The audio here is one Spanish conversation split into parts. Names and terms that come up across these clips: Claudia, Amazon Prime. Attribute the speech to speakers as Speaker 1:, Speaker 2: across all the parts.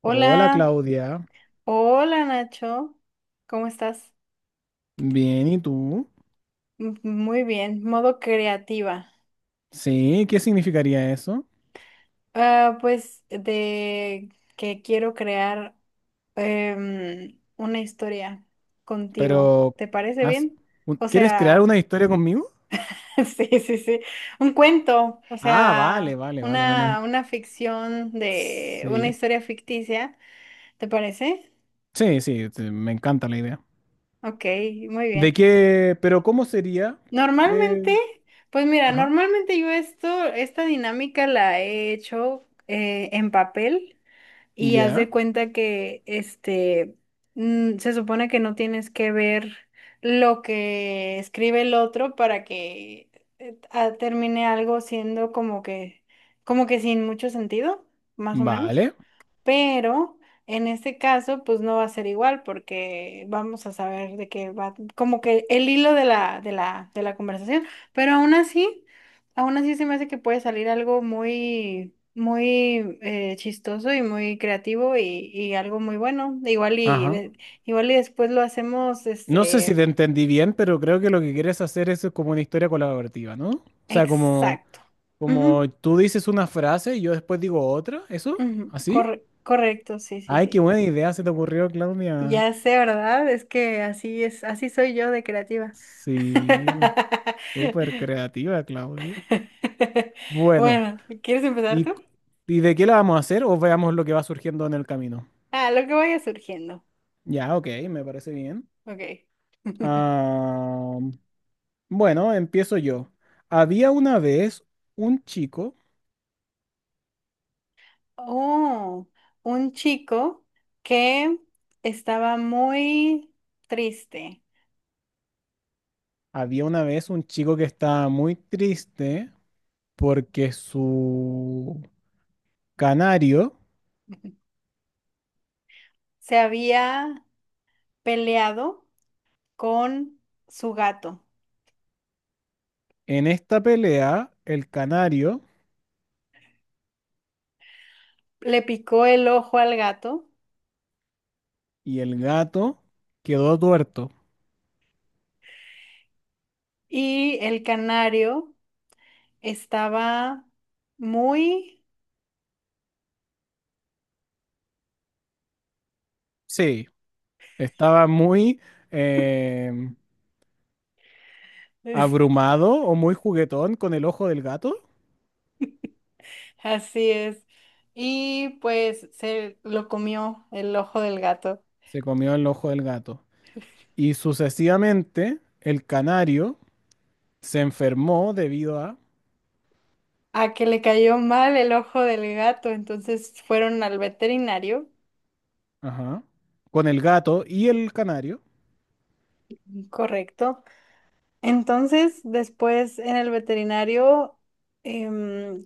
Speaker 1: Hola
Speaker 2: Hola,
Speaker 1: Claudia,
Speaker 2: hola Nacho, ¿cómo estás?
Speaker 1: bien, ¿y tú?
Speaker 2: Muy bien, modo creativa.
Speaker 1: Sí, ¿qué significaría eso?
Speaker 2: Ah, pues de que quiero crear una historia contigo,
Speaker 1: Pero,
Speaker 2: ¿te parece
Speaker 1: ¿has-
Speaker 2: bien? O
Speaker 1: ¿quieres crear
Speaker 2: sea,
Speaker 1: una historia conmigo?
Speaker 2: sí, sí, sí, un cuento, o
Speaker 1: Ah, vale,
Speaker 2: sea,
Speaker 1: vale, vale, vale.
Speaker 2: una ficción de una
Speaker 1: Sí,
Speaker 2: historia ficticia, ¿te parece?
Speaker 1: sí, sí, me encanta la idea.
Speaker 2: Ok, muy bien.
Speaker 1: ¿De qué? Pero ¿cómo sería? ¿Qué?
Speaker 2: Normalmente, pues mira,
Speaker 1: Ajá,
Speaker 2: normalmente esta dinámica la he hecho en papel y haz
Speaker 1: ya,
Speaker 2: de cuenta que este se supone que no tienes que ver lo que escribe el otro para que termine algo siendo como que sin mucho sentido, más o menos.
Speaker 1: vale,
Speaker 2: Pero en este caso, pues no va a ser igual porque vamos a saber de qué va, como que el hilo de la conversación. Pero aún así se me hace que puede salir algo muy, muy chistoso y muy creativo y algo muy bueno.
Speaker 1: ajá.
Speaker 2: Igual y después lo hacemos,
Speaker 1: No sé si
Speaker 2: este,
Speaker 1: te entendí bien, pero creo que lo que quieres hacer es como una historia colaborativa, ¿no? O sea, como,
Speaker 2: exacto.
Speaker 1: como
Speaker 2: Ujú,
Speaker 1: tú dices una frase y yo después digo otra, ¿eso?
Speaker 2: ujú,
Speaker 1: ¿Así?
Speaker 2: corre- correcto, sí, sí,
Speaker 1: Ay, qué
Speaker 2: sí.
Speaker 1: buena idea se te ocurrió, Claudia.
Speaker 2: Ya sé, ¿verdad? Es que así es, así soy yo de creativa.
Speaker 1: Sí, súper creativa, Claudia. Bueno,
Speaker 2: Bueno, ¿quieres empezar
Speaker 1: ¿y,
Speaker 2: tú?
Speaker 1: y de qué la vamos a hacer o veamos lo que va surgiendo en el camino?
Speaker 2: Ah, lo que vaya surgiendo.
Speaker 1: Ya, ok, me parece bien.
Speaker 2: Ok.
Speaker 1: Ah, bueno, empiezo yo. Había una vez un chico,
Speaker 2: Oh, un chico que estaba muy triste.
Speaker 1: había una vez un chico que estaba muy triste porque su canario,
Speaker 2: Se había peleado con su gato.
Speaker 1: en esta pelea, el canario
Speaker 2: Le picó el ojo al gato
Speaker 1: y el gato quedó tuerto.
Speaker 2: y el canario estaba muy
Speaker 1: Sí, estaba muy em, abrumado o muy juguetón con el ojo del gato.
Speaker 2: Así es. Y pues se lo comió el ojo del gato.
Speaker 1: Se comió el ojo del gato. Y sucesivamente el canario se enfermó debido a,
Speaker 2: A que le cayó mal el ojo del gato, entonces fueron al veterinario,
Speaker 1: ajá, con el gato y el canario.
Speaker 2: correcto. Entonces, después en el veterinario em,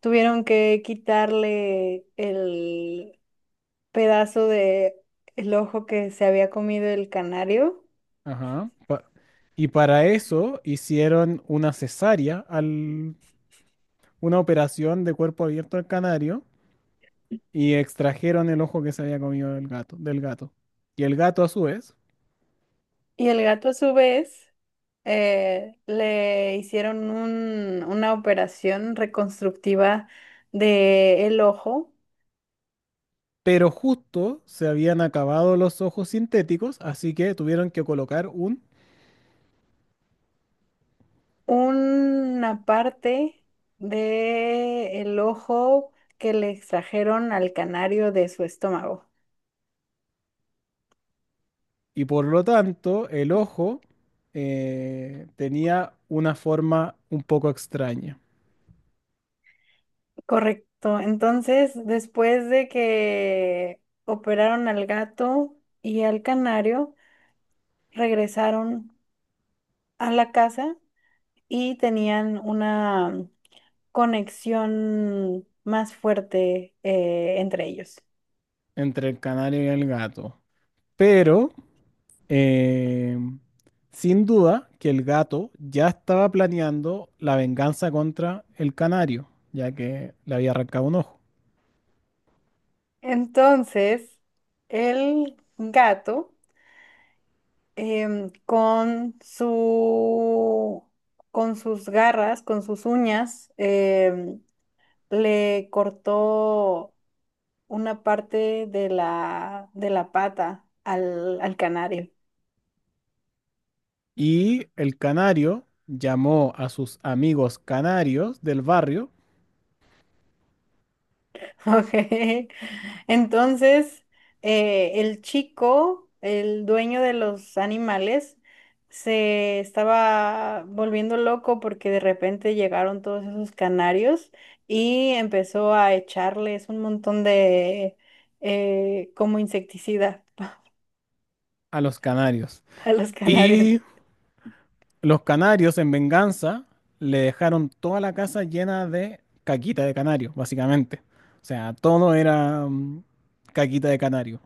Speaker 2: tuvieron que quitarle el pedazo de el ojo que se había comido el canario.
Speaker 1: Ajá. Y para eso hicieron una cesárea, al, una operación de cuerpo abierto al canario y extrajeron el ojo que se había comido del gato, del gato. Y el gato a su vez
Speaker 2: Y el gato a su vez le hicieron una operación reconstructiva del ojo.
Speaker 1: pero justo se habían acabado los ojos sintéticos, así que tuvieron que colocar un,
Speaker 2: Una parte del ojo que le extrajeron al canario de su estómago.
Speaker 1: y por lo tanto el ojo tenía una forma un poco extraña
Speaker 2: Correcto. Entonces, después de que operaron al gato y al canario, regresaron a la casa y tenían una conexión más fuerte entre ellos.
Speaker 1: entre el canario y el gato. Pero, eh, sin duda que el gato ya estaba planeando la venganza contra el canario, ya que le había arrancado un ojo.
Speaker 2: Entonces, el gato em, con su, con sus garras, con sus uñas, le cortó una parte de la pata al canario.
Speaker 1: Y el canario llamó a sus amigos canarios del barrio
Speaker 2: Ok. Entonces, el chico, el dueño de los animales, se estaba volviendo loco porque de repente llegaron todos esos canarios y empezó a echarles un montón de como insecticida
Speaker 1: a los canarios.
Speaker 2: a los canarios.
Speaker 1: Y los canarios, en venganza, le dejaron toda la casa llena de caquita de canario, básicamente. O sea, todo era caquita de canario.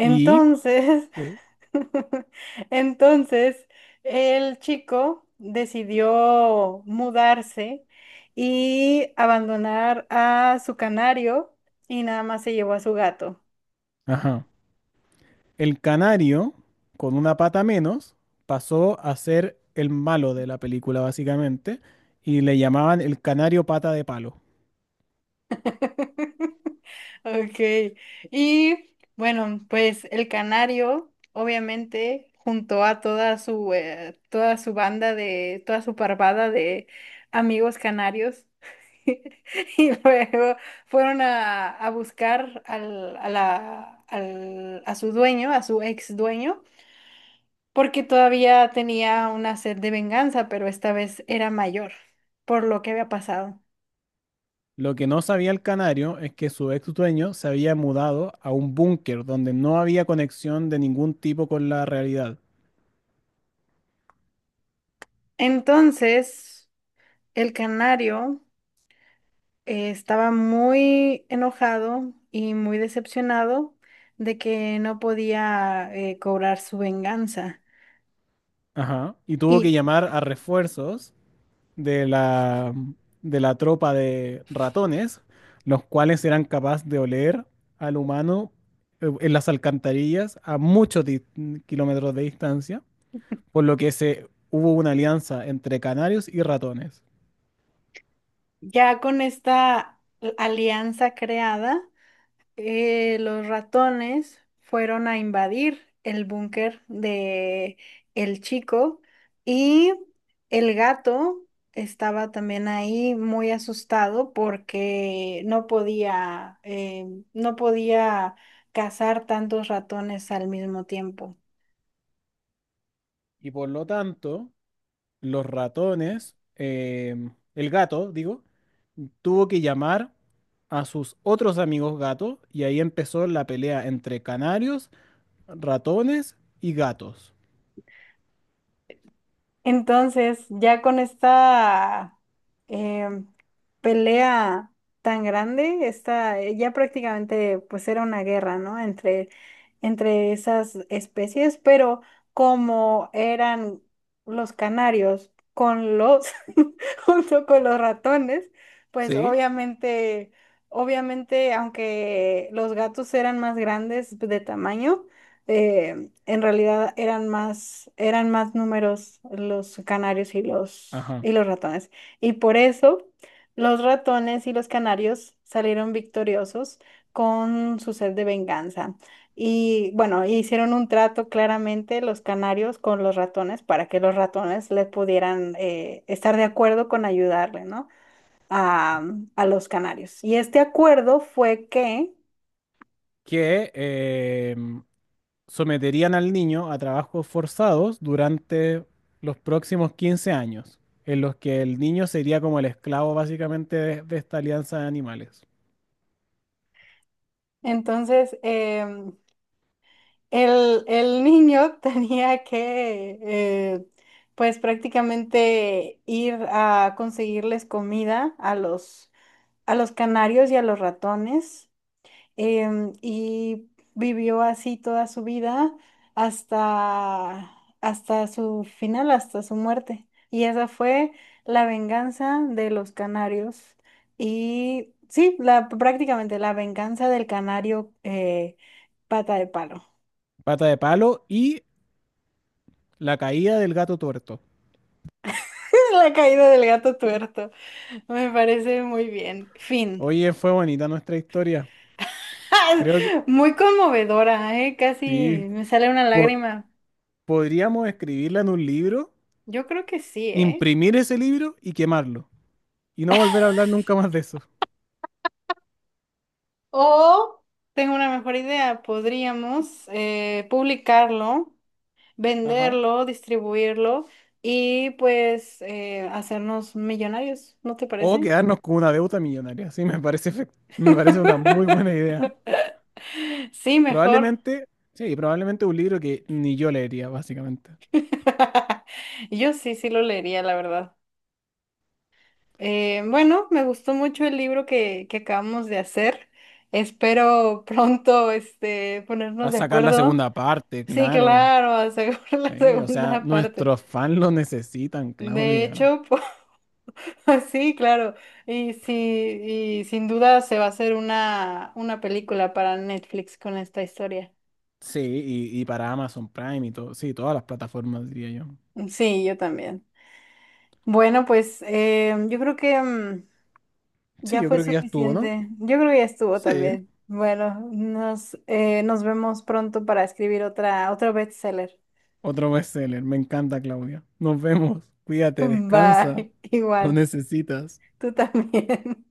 Speaker 1: Y, sí.
Speaker 2: entonces, el chico decidió mudarse y abandonar a su canario y nada más se llevó a su gato.
Speaker 1: Ajá, el canario, con una pata menos, pasó a ser el malo de la película, básicamente, y le llamaban el canario pata de palo.
Speaker 2: Ok. Y bueno, pues el canario, obviamente, junto a toda su toda su banda de, toda su parvada de amigos canarios. Y luego fueron a buscar al, a la- al- a su dueño, a su ex dueño, porque todavía tenía una sed de venganza, pero esta vez era mayor por lo que había pasado.
Speaker 1: Lo que no sabía el canario es que su ex dueño se había mudado a un búnker donde no había conexión de ningún tipo con la realidad.
Speaker 2: Entonces, el canario. Estaba muy enojado y muy decepcionado de que no podía cobrar su venganza.
Speaker 1: Ajá. Y tuvo
Speaker 2: Y
Speaker 1: que llamar a refuerzos de la, de la tropa de ratones, los cuales eran capaces de oler al humano en las alcantarillas a muchos kilómetros de distancia, por lo que se, hubo una alianza entre canarios y ratones.
Speaker 2: ya con esta alianza creada, los ratones fueron a invadir el búnker de el chico y el gato estaba también ahí muy asustado porque no podía cazar tantos ratones al mismo tiempo.
Speaker 1: Y por lo tanto, los ratones, el gato, digo, tuvo que llamar a sus otros amigos gatos y ahí empezó la pelea entre canarios, ratones y gatos.
Speaker 2: Entonces, ya con esta em, pelea tan grande, ya prácticamente pues era una guerra, ¿no? Entre, entre esas especies, pero como eran los canarios con los, junto con los ratones, pues
Speaker 1: ¿Sí?
Speaker 2: obviamente, obviamente, aunque los gatos eran más grandes de tamaño, eh, en realidad eran más números los canarios
Speaker 1: Ajá.
Speaker 2: y los ratones. Y por eso los ratones y los canarios salieron victoriosos con su sed de venganza. Y bueno, hicieron un trato claramente los canarios con los ratones para que los ratones les pudieran estar de acuerdo con ayudarle, ¿no? A, a los canarios. Y este acuerdo fue que
Speaker 1: Que someterían al niño a trabajos forzados durante los próximos 15 años, en los que el niño sería como el esclavo básicamente de esta alianza de animales.
Speaker 2: entonces el niño tenía que, pues prácticamente ir a conseguirles comida a los canarios y a los ratones, y vivió así toda su vida hasta, hasta su final, hasta su muerte. Y esa fue la venganza de los canarios. Y sí, la, prácticamente la venganza del canario pata de palo.
Speaker 1: Pata de palo y la caída del gato tuerto.
Speaker 2: La caída del gato tuerto. Me parece muy bien. Fin.
Speaker 1: Oye, fue bonita nuestra historia. Creo que
Speaker 2: Muy conmovedora, ¿eh?
Speaker 1: sí.
Speaker 2: Casi me sale una
Speaker 1: po-
Speaker 2: lágrima.
Speaker 1: podríamos escribirla en un libro,
Speaker 2: Yo creo que sí, ¿eh?
Speaker 1: imprimir ese libro y quemarlo. Y no volver a hablar nunca más de eso.
Speaker 2: O tengo una mejor idea. Podríamos publicarlo,
Speaker 1: Ajá.
Speaker 2: venderlo, distribuirlo y pues hacernos millonarios, ¿no te
Speaker 1: O
Speaker 2: parece?
Speaker 1: quedarnos con una deuda millonaria. Sí, me parece, me parece una muy buena idea.
Speaker 2: Sí, mejor.
Speaker 1: Probablemente, sí, probablemente un libro que ni yo leería, básicamente.
Speaker 2: Yo sí, sí lo leería, la verdad. Bueno, me gustó mucho el libro que acabamos de hacer. Espero pronto este, ponernos
Speaker 1: A
Speaker 2: de
Speaker 1: sacar la
Speaker 2: acuerdo.
Speaker 1: segunda parte,
Speaker 2: Sí,
Speaker 1: claro.
Speaker 2: claro, aseguro la
Speaker 1: Sí, o sea,
Speaker 2: segunda parte.
Speaker 1: nuestros fans lo necesitan,
Speaker 2: De
Speaker 1: Claudia.
Speaker 2: hecho, pues, sí, claro. Y, sí, y sin duda se va a hacer una película para Netflix con esta historia.
Speaker 1: Sí, y para Amazon Prime y todo, sí, todas las plataformas, diría yo.
Speaker 2: Sí, yo también. Bueno, pues yo creo que
Speaker 1: Sí,
Speaker 2: ya
Speaker 1: yo
Speaker 2: fue
Speaker 1: creo que ya estuvo, ¿no?
Speaker 2: suficiente. Yo creo que ya estuvo
Speaker 1: Sí,
Speaker 2: también. Bueno, nos vemos pronto para escribir otra, otro bestseller.
Speaker 1: otro bestseller. Me encanta, Claudia. Nos vemos. Cuídate, descansa.
Speaker 2: Bye.
Speaker 1: Lo
Speaker 2: Igual.
Speaker 1: necesitas.
Speaker 2: Tú también.